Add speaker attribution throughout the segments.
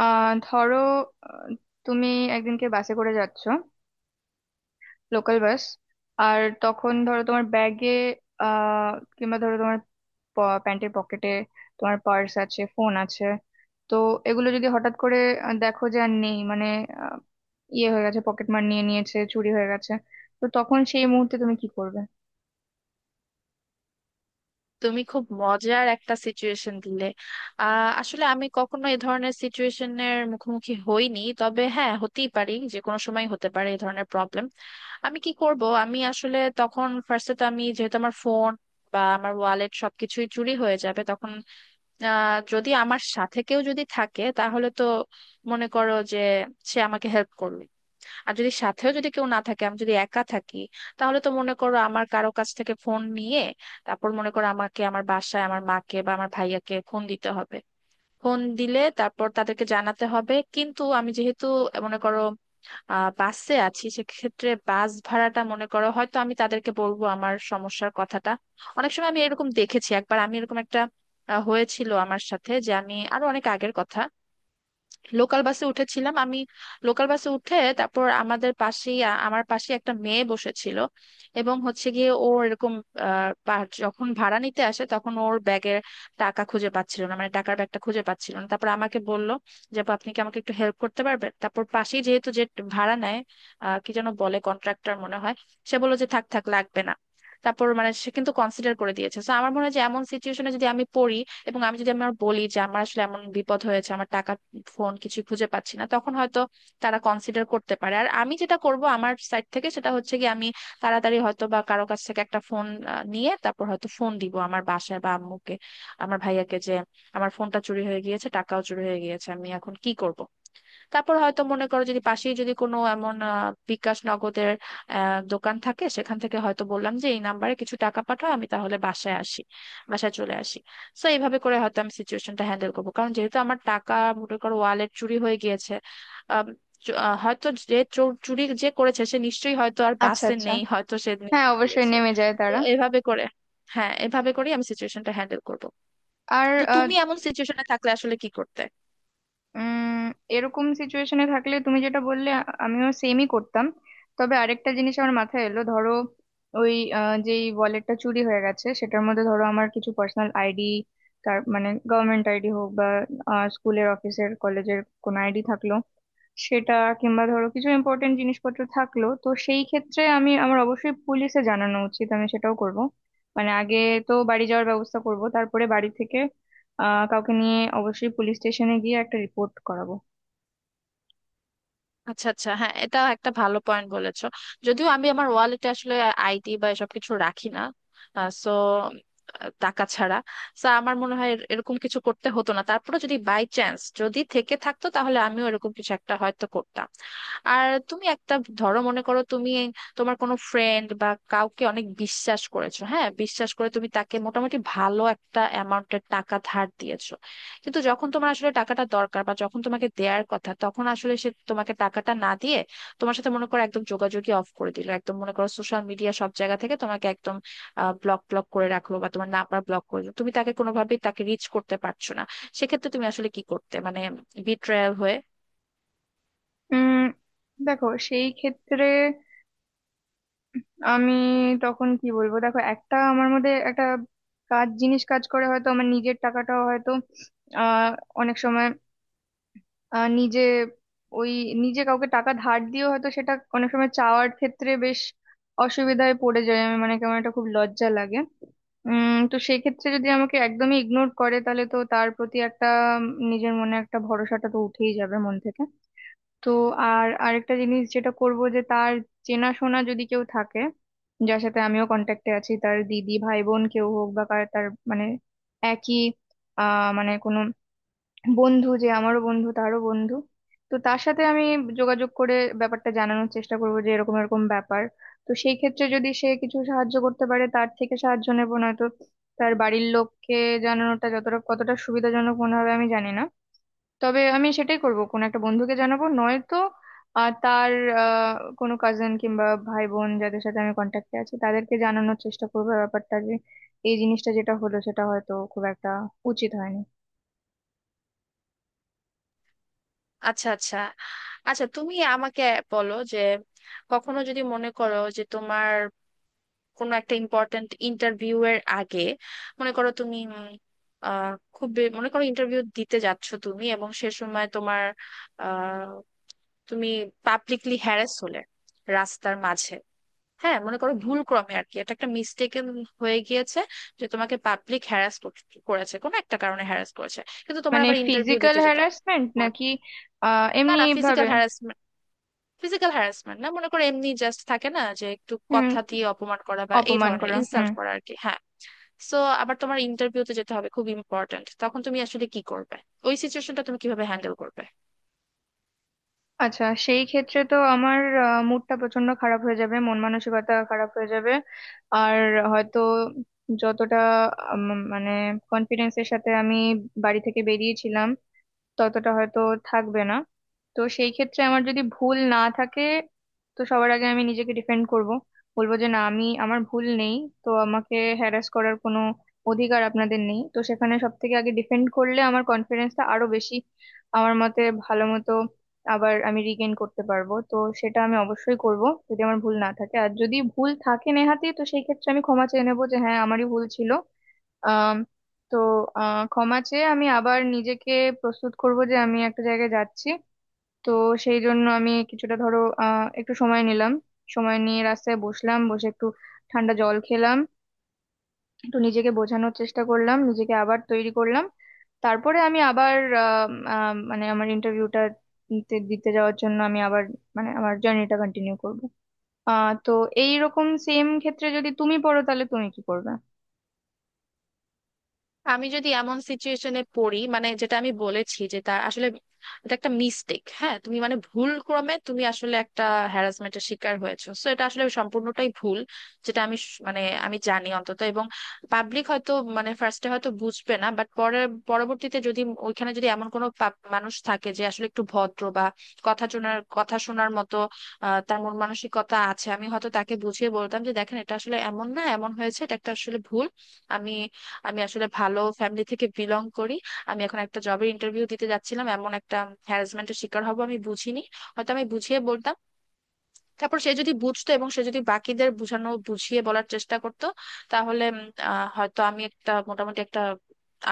Speaker 1: ধরো, আহ, তুমি একদিনকে বাসে করে যাচ্ছো, লোকাল বাস। আর তখন ধরো, তোমার ব্যাগে আহ কিংবা ধরো তোমার প্যান্টের পকেটে তোমার পার্স আছে, ফোন আছে। তো এগুলো যদি হঠাৎ করে দেখো যে আর নেই, মানে আহ, ইয়ে হয়ে গেছে, পকেট মার নিয়ে নিয়েছে, চুরি হয়ে গেছে, তো তখন সেই মুহূর্তে তুমি কি করবে?
Speaker 2: তুমি খুব মজার একটা সিচুয়েশন দিলে। আসলে আমি কখনো এই ধরনের সিচুয়েশনের মুখোমুখি হইনি, তবে হ্যাঁ হতেই পারি, যে কোনো সময় হতে পারে এই ধরনের প্রবলেম। আমি কি করব? আমি আসলে তখন ফার্স্টে তো, আমি যেহেতু আমার ফোন বা আমার ওয়ালেট সবকিছুই চুরি হয়ে যাবে তখন, যদি আমার সাথে কেউ যদি থাকে তাহলে তো মনে করো যে সে আমাকে হেল্প করলো। আর যদি সাথেও যদি কেউ না থাকে, আমি যদি একা থাকি, তাহলে তো মনে করো আমার কারো কাছ থেকে ফোন নিয়ে তারপর মনে করো আমাকে আমার বাসায়, আমার মাকে বা আমার ভাইয়াকে ফোন দিতে হবে। ফোন দিলে তারপর তাদেরকে জানাতে হবে, কিন্তু আমি যেহেতু মনে করো বাসে আছি, সেক্ষেত্রে বাস ভাড়াটা মনে করো হয়তো আমি তাদেরকে বলবো আমার সমস্যার কথাটা। অনেক সময় আমি এরকম দেখেছি, একবার আমি এরকম একটা হয়েছিল আমার সাথে, যে আমি আরো অনেক আগের কথা, লোকাল বাসে উঠেছিলাম আমি। লোকাল বাসে উঠে তারপর আমাদের পাশেই আমার পাশে একটা মেয়ে বসেছিল, এবং হচ্ছে গিয়ে ও এরকম যখন ভাড়া নিতে আসে তখন ওর ব্যাগের টাকা খুঁজে পাচ্ছিল না, মানে টাকার ব্যাগটা খুঁজে পাচ্ছিল না, তারপর আমাকে বলল যে, আপু আপনি কি আমাকে একটু হেল্প করতে পারবেন। তারপর পাশেই যেহেতু যে ভাড়া নেয় কি যেন বলে, কন্ট্রাক্টর মনে হয়, সে বললো যে থাক থাক লাগবে না। তারপর মানে সে কিন্তু কনসিডার করে দিয়েছে, তো আমার মনে হয় যে এমন সিচুয়েশনে যদি আমি পড়ি এবং আমি যদি আমার বলি যে আমার আসলে এমন বিপদ হয়েছে, আমার টাকা ফোন কিছু খুঁজে পাচ্ছি না, তখন হয়তো তারা কনসিডার করতে পারে। আর আমি যেটা করব আমার সাইড থেকে সেটা হচ্ছে কি, আমি তাড়াতাড়ি হয়তো বা কারো কাছ থেকে একটা ফোন নিয়ে তারপর হয়তো ফোন দিব আমার বাসায় বা আম্মুকে, আমার ভাইয়াকে, যে আমার ফোনটা চুরি হয়ে গিয়েছে, টাকাও চুরি হয়ে গিয়েছে, আমি এখন কি করব। তারপর হয়তো মনে করো যদি পাশেই যদি কোনো এমন বিকাশ নগদের দোকান থাকে, সেখান থেকে হয়তো বললাম যে এই নাম্বারে কিছু টাকা পাঠাও, আমি তাহলে বাসায় আসি, বাসায় চলে আসি। সো এইভাবে করে হয়তো আমি সিচুয়েশনটা হ্যান্ডেল করবো, কারণ যেহেতু আমার টাকা, মনে করো ওয়ালেট চুরি হয়ে গিয়েছে। আম, হয়তো যে চুরি যে করেছে সে নিশ্চয়ই হয়তো আর
Speaker 1: আচ্ছা,
Speaker 2: বাসে
Speaker 1: আচ্ছা।
Speaker 2: নেই, হয়তো সে
Speaker 1: হ্যাঁ,
Speaker 2: নিয়ে
Speaker 1: অবশ্যই
Speaker 2: গিয়েছে।
Speaker 1: নেমে যায়
Speaker 2: তো
Speaker 1: তারা।
Speaker 2: এভাবে করে, হ্যাঁ এভাবে করেই আমি সিচুয়েশনটা হ্যান্ডেল করবো।
Speaker 1: আর
Speaker 2: তো তুমি এমন সিচুয়েশনে থাকলে আসলে কি করতে?
Speaker 1: উম এরকম সিচুয়েশনে থাকলে তুমি যেটা বললে, আমিও সেমই করতাম। তবে আরেকটা জিনিস আমার মাথায় এলো, ধরো ওই যেই ওয়ালেটটা চুরি হয়ে গেছে সেটার মধ্যে ধরো আমার কিছু পার্সোনাল আইডি, তার মানে গভর্নমেন্ট আইডি হোক বা স্কুলের, অফিসের, কলেজের কোনো আইডি থাকলো সেটা, কিংবা ধরো কিছু ইম্পর্টেন্ট জিনিসপত্র থাকলো, তো সেই ক্ষেত্রে আমি আমার অবশ্যই পুলিশে জানানো উচিত, আমি সেটাও করব। মানে আগে তো বাড়ি যাওয়ার ব্যবস্থা করব, তারপরে বাড়ি থেকে কাউকে নিয়ে অবশ্যই পুলিশ স্টেশনে গিয়ে একটা রিপোর্ট করাবো।
Speaker 2: আচ্ছা আচ্ছা, হ্যাঁ এটা একটা ভালো পয়েন্ট বলেছো। যদিও আমি আমার ওয়ালেটে আসলে আইডি বা এসব কিছু রাখি না, সো টাকা ছাড়া। সো আমার মনে হয় এরকম কিছু করতে হতো না, তারপরে যদি বাই চান্স যদি থেকে থাকতো তাহলে আমিও এরকম কিছু একটা হয়তো করতাম। আর তুমি একটা ধরো, মনে করো তুমি তোমার কোনো ফ্রেন্ড বা কাউকে অনেক বিশ্বাস করেছো, হ্যাঁ বিশ্বাস করে তুমি তাকে মোটামুটি ভালো একটা অ্যামাউন্টের টাকা ধার দিয়েছো। কিন্তু যখন তোমার আসলে টাকাটা দরকার বা যখন তোমাকে দেয়ার কথা, তখন আসলে সে তোমাকে টাকাটা না দিয়ে তোমার সাথে মনে করো একদম যোগাযোগই অফ করে দিল, একদম মনে করো সোশ্যাল মিডিয়া সব জায়গা থেকে তোমাকে একদম ব্লক ব্লক করে রাখলো বা তোমার নাম্বার ব্লক করে দিলো, তুমি তাকে কোনোভাবেই তাকে রিচ করতে পারছো না। সেক্ষেত্রে তুমি আসলে কি করতে মানে, বিট্রায়াল হয়ে।
Speaker 1: উম দেখো, সেই ক্ষেত্রে আমি তখন কি বলবো, দেখো একটা আমার মধ্যে একটা কাজ জিনিস কাজ করে, হয়তো আমার নিজের টাকাটাও হয়তো আহ অনেক সময় আহ নিজে ওই নিজে কাউকে টাকা ধার দিয়েও হয়তো সেটা অনেক সময় চাওয়ার ক্ষেত্রে বেশ অসুবিধায় পড়ে যায়, আমি মানে কেমন একটা খুব লজ্জা লাগে। তো সেই ক্ষেত্রে যদি আমাকে একদমই ইগনোর করে তাহলে তো তার প্রতি একটা নিজের মনে একটা ভরসাটা তো উঠেই যাবে মন থেকে। তো আর আরেকটা জিনিস যেটা করব, যে তার চেনাশোনা যদি কেউ থাকে, যার সাথে আমিও কন্ট্যাক্টে আছি, তার দিদি, ভাই, বোন কেউ হোক বা তার মানে একই মানে কোনো বন্ধু, যে আমারও বন্ধু তারও বন্ধু, তো তার সাথে আমি যোগাযোগ করে ব্যাপারটা জানানোর চেষ্টা করব যে এরকম এরকম ব্যাপার। তো সেই ক্ষেত্রে যদি সে কিছু সাহায্য করতে পারে তার থেকে সাহায্য নেবো, নয়তো তার বাড়ির লোককে জানানোটা যতটা কতটা সুবিধাজনক মনে হবে আমি জানি না, তবে আমি সেটাই করব, কোন একটা বন্ধুকে জানাবো, নয়তো আর তার আহ, কোনো কাজিন কিংবা ভাই বোন যাদের সাথে আমি কন্ট্যাক্টে আছি তাদেরকে জানানোর চেষ্টা করবো ব্যাপারটা, যে এই জিনিসটা যেটা হলো সেটা হয়তো খুব একটা উচিত হয়নি।
Speaker 2: আচ্ছা আচ্ছা। আচ্ছা তুমি আমাকে বলো যে, কখনো যদি মনে করো যে তোমার কোনো একটা ইম্পর্ট্যান্ট ইন্টারভিউ এর আগে, মনে করো তুমি উম, আহ খুব মনে করো ইন্টারভিউ দিতে যাচ্ছ তুমি, এবং সে সময় তোমার আহ তুমি পাবলিকলি হ্যারাস হলে রাস্তার মাঝে। হ্যাঁ মনে করো ভুল ক্রমে আর কি, এটা একটা মিস্টেকেন হয়ে গিয়েছে যে তোমাকে পাবলিক হ্যারাস করেছে, কোনো একটা কারণে হ্যারাস করেছে, কিন্তু তোমার
Speaker 1: মানে
Speaker 2: আবার ইন্টারভিউ
Speaker 1: ফিজিক্যাল
Speaker 2: দিতে যেতে হবে।
Speaker 1: হ্যারাসমেন্ট নাকি
Speaker 2: ইম্পর্টেন্ট। না
Speaker 1: এমনি
Speaker 2: না, ফিজিক্যাল
Speaker 1: ভাবে?
Speaker 2: হ্যারাসমেন্ট, ফিজিক্যাল হ্যারাসমেন্ট না, মনে করো এমনি জাস্ট থাকে না, যে একটু
Speaker 1: হুম,
Speaker 2: কথা দিয়ে অপমান করা বা এই
Speaker 1: অপমান
Speaker 2: ধরনের
Speaker 1: করা, হুম।
Speaker 2: ইনসাল্ট করা আর কি, হ্যাঁ। সো আবার তোমার ইন্টারভিউতে যেতে হবে, খুব ইম্পর্ট্যান্ট, তখন তুমি আসলে কি করবে? ওই সিচুয়েশনটা তুমি কিভাবে হ্যান্ডেল করবে?
Speaker 1: আচ্ছা, সেই ক্ষেত্রে তো আমার মুডটা প্রচন্ড খারাপ হয়ে যাবে, মন মানসিকতা খারাপ হয়ে যাবে। আর হয়তো যতটা মানে কনফিডেন্সের সাথে আমি বাড়ি থেকে বেরিয়েছিলাম ততটা হয়তো থাকবে না। তো সেই ক্ষেত্রে আমার যদি ভুল না থাকে, তো সবার আগে আমি নিজেকে ডিফেন্ড করব, বলবো যে না, আমি, আমার ভুল নেই, তো আমাকে হ্যারাস করার কোনো অধিকার আপনাদের নেই, তো সেখানে সব থেকে আগে ডিফেন্ড করলে আমার কনফিডেন্সটা আরো বেশি, আমার মতে ভালো মতো, আবার আমি রিগেইন করতে পারবো, তো সেটা আমি অবশ্যই করব যদি আমার ভুল না থাকে। আর যদি ভুল থাকে নেহাতি তো সেই ক্ষেত্রে আমি ক্ষমা চেয়ে নেবো, যে হ্যাঁ, আমারই ভুল ছিল। তো ক্ষমা চেয়ে আমি আবার নিজেকে প্রস্তুত করব যে আমি একটা জায়গায় যাচ্ছি, তো সেই জন্য আমি কিছুটা ধরো একটু সময় নিলাম, সময় নিয়ে রাস্তায় বসলাম, বসে একটু ঠান্ডা জল খেলাম, একটু নিজেকে বোঝানোর চেষ্টা করলাম, নিজেকে আবার তৈরি করলাম, তারপরে আমি আবার আহ, আহ, মানে আমার ইন্টারভিউটা দিতে দিতে যাওয়ার জন্য আমি আবার, মানে আমার জার্নিটা কন্টিনিউ করব। তো এইরকম সেম ক্ষেত্রে যদি তুমি পড়ো তাহলে তুমি কি করবে?
Speaker 2: আমি যদি এমন সিচুয়েশনে পড়ি মানে, যেটা আমি বলেছি যে তার আসলে এটা একটা মিস্টেক, হ্যাঁ তুমি মানে ভুল ক্রমে তুমি আসলে একটা হ্যারাসমেন্টের শিকার হয়েছো, সো এটা আসলে সম্পূর্ণটাই ভুল, যেটা আমি মানে আমি জানি অন্তত। এবং পাবলিক হয়তো মানে ফার্স্টে হয়তো বুঝবে না, বাট পরে পরবর্তীতে যদি ওইখানে যদি এমন কোনো মানুষ থাকে যে আসলে একটু ভদ্র বা কথা শোনার মতো তার মন মানসিকতা আছে, আমি হয়তো তাকে বুঝিয়ে বলতাম যে, দেখেন এটা আসলে এমন না, এমন হয়েছে, এটা একটা আসলে ভুল। আমি আমি আসলে ভালো ফ্যামিলি থেকে বিলং করি, আমি এখন একটা জবের ইন্টারভিউ দিতে যাচ্ছিলাম, এমন একটা হ্যারাসমেন্টের শিকার হব আমি বুঝিনি। হয়তো আমি বুঝিয়ে বলতাম, তারপর সে যদি বুঝতো এবং সে যদি বাকিদের বুঝিয়ে বলার চেষ্টা করতো, তাহলে হয়তো আমি একটা মোটামুটি একটা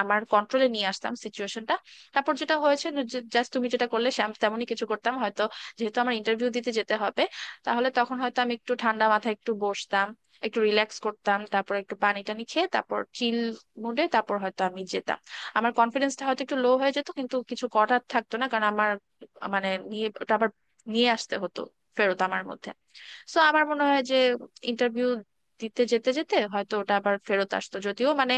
Speaker 2: আমার কন্ট্রোলে নিয়ে আসতাম সিচুয়েশনটা। তারপর যেটা হয়েছে, জাস্ট তুমি যেটা করলে আমি তেমনই কিছু করতাম হয়তো, যেহেতু আমার ইন্টারভিউ দিতে যেতে হবে। তাহলে তখন হয়তো আমি একটু ঠান্ডা মাথায় একটু বসতাম, একটু রিল্যাক্স করতাম, তারপর একটু পানি টানি খেয়ে তারপর চিল মুডে তারপর হয়তো আমি যেতাম। আমার কনফিডেন্সটা হয়তো একটু লো হয়ে যেত, কিন্তু কিছু করার থাকতো না, কারণ আমার মানে নিয়ে ওটা আবার নিয়ে আসতে হতো ফেরত আমার মধ্যে। সো আমার মনে হয় যে ইন্টারভিউ দিতে যেতে যেতে হয়তো ওটা আবার ফেরত আসতো, যদিও মানে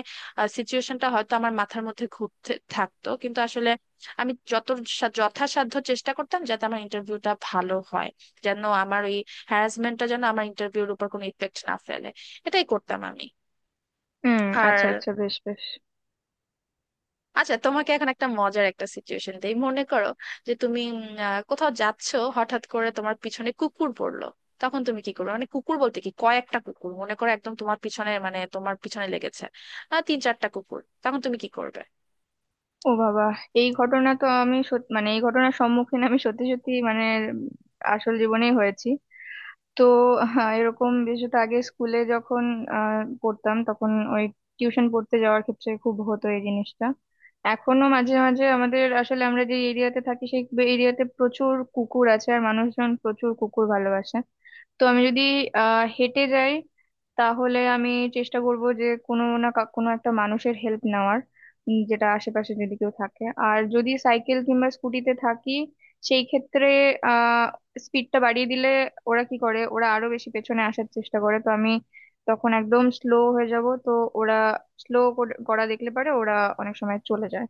Speaker 2: সিচুয়েশনটা হয়তো আমার মাথার মধ্যে ঘুরতে থাকতো, কিন্তু আসলে আমি যত যথাসাধ্য চেষ্টা করতাম যাতে আমার ইন্টারভিউটা ভালো হয়, যেন আমার ওই হ্যারাসমেন্টটা যেন আমার ইন্টারভিউর উপর কোনো ইফেক্ট না ফেলে। এটাই করতাম আমি।
Speaker 1: হুম। আচ্ছা,
Speaker 2: আর,
Speaker 1: আচ্ছা, বেশ, বেশ।
Speaker 2: আচ্ছা তোমাকে এখন একটা মজার একটা সিচুয়েশন দেই, মনে করো যে তুমি কোথাও যাচ্ছো, হঠাৎ করে তোমার পিছনে কুকুর পড়লো, তখন তুমি কি করবে? মানে কুকুর বলতে কি, কয়েকটা কুকুর মনে করো একদম তোমার পিছনে, মানে তোমার পিছনে লেগেছে তিন চারটা কুকুর, তখন তুমি কি করবে?
Speaker 1: ও বাবা! এই ঘটনা তো আমি মানে এই ঘটনার সম্মুখীন আমি সত্যি সত্যি, মানে আসল জীবনেই হয়েছি। তো হ্যাঁ, এরকম বিশেষত আগে স্কুলে যখন পড়তাম তখন ওই টিউশন পড়তে যাওয়ার ক্ষেত্রে খুব হতো এই জিনিসটা। এখনো মাঝে মাঝে আমাদের, আসলে আমরা যে এরিয়াতে থাকি সেই এরিয়াতে প্রচুর কুকুর আছে আর মানুষজন প্রচুর কুকুর ভালোবাসে। তো আমি যদি হেঁটে যাই তাহলে আমি চেষ্টা করব যে কোনো না কোনো একটা মানুষের হেল্প নেওয়ার, যেটা আশেপাশে যদি কেউ থাকে। আর যদি সাইকেল কিংবা স্কুটিতে থাকি সেই ক্ষেত্রে আহ স্পিডটা বাড়িয়ে দিলে ওরা কি করে, ওরা আরো বেশি পেছনে আসার চেষ্টা করে, তো আমি তখন একদম স্লো হয়ে যাব, তো ওরা স্লো করা দেখলে পারে, ওরা অনেক সময় চলে যায়।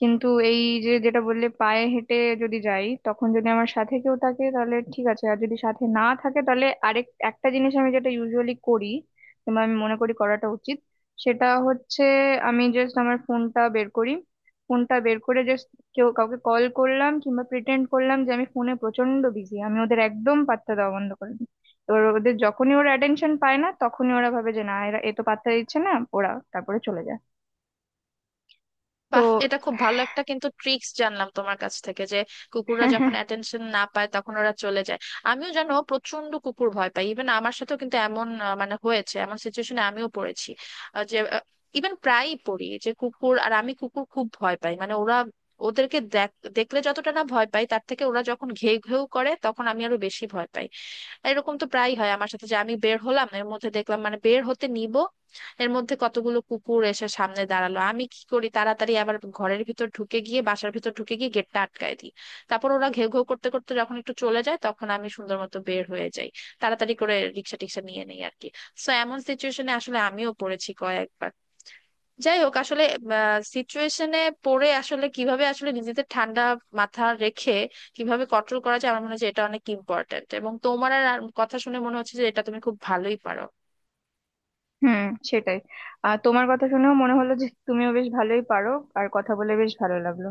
Speaker 1: কিন্তু এই যে যেটা বললে পায়ে হেঁটে যদি যাই, তখন যদি আমার সাথে কেউ থাকে তাহলে ঠিক আছে, আর যদি সাথে না থাকে তাহলে আরেক একটা জিনিস আমি যেটা ইউজুয়ালি করি, কিংবা আমি মনে করি করাটা উচিত, সেটা হচ্ছে আমি জাস্ট আমার ফোনটা বের করি, ফোনটা বের করে জাস্ট কেউ কাউকে কল করলাম কিংবা প্রিটেন্ড করলাম যে আমি ফোনে প্রচন্ড বিজি, আমি ওদের একদম পাত্তা দেওয়া বন্ধ করে দিই। এবার ওদের, যখনই ওরা অ্যাটেনশন পায় না তখনই ওরা ভাবে যে না, এরা এ তো পাত্তা দিচ্ছে না, ওরা তারপরে চলে যায়। তো
Speaker 2: বাহ, এটা খুব ভালো একটা কিন্তু ট্রিক্স জানলাম তোমার কাছ থেকে, যে কুকুররা যখন অ্যাটেনশন না পায় তখন ওরা চলে যায়। আমিও জানো প্রচন্ড কুকুর ভয় পাই, ইভেন আমার সাথেও কিন্তু এমন মানে হয়েছে, এমন সিচুয়েশনে আমিও পড়েছি, যে ইভেন প্রায়ই পড়ি যে কুকুর, আর আমি কুকুর খুব ভয় পাই মানে ওরা, ওদেরকে দেখ দেখলে যতটা না ভয় পাই তার থেকে ওরা যখন ঘেউ ঘেউ করে তখন আমি আরো বেশি ভয় পাই। আর এরকম তো প্রায়ই হয় আমার সাথে, যে আমি বের হলাম এর মধ্যে দেখলাম, মানে বের হতে নিব এর মধ্যে কতগুলো কুকুর এসে সামনে দাঁড়ালো, আমি কি করি তাড়াতাড়ি আবার ঘরের ভিতর ঢুকে গিয়ে, বাসার ভিতর ঢুকে গিয়ে গেটটা আটকায় দিই। তারপর ওরা ঘেউ ঘেউ করতে করতে যখন একটু চলে যায় তখন আমি সুন্দর মতো বের হয়ে যাই, তাড়াতাড়ি করে রিক্সা টিক্সা নিয়ে নেই আর কি। সো এমন সিচুয়েশনে আসলে আমিও পড়েছি কয়েকবার। যাই হোক, আসলে সিচুয়েশনে পড়ে আসলে কিভাবে আসলে নিজেদের ঠান্ডা মাথা রেখে কিভাবে কন্ট্রোল করা যায়, আমার মনে হয় যে এটা অনেক ইম্পর্ট্যান্ট, এবং তোমার আর আর কথা শুনে মনে হচ্ছে যে এটা তুমি খুব ভালোই পারো।
Speaker 1: হুম, সেটাই। আর তোমার কথা শুনেও মনে হলো যে তুমিও বেশ ভালোই পারো। আর কথা বলে বেশ ভালো লাগলো।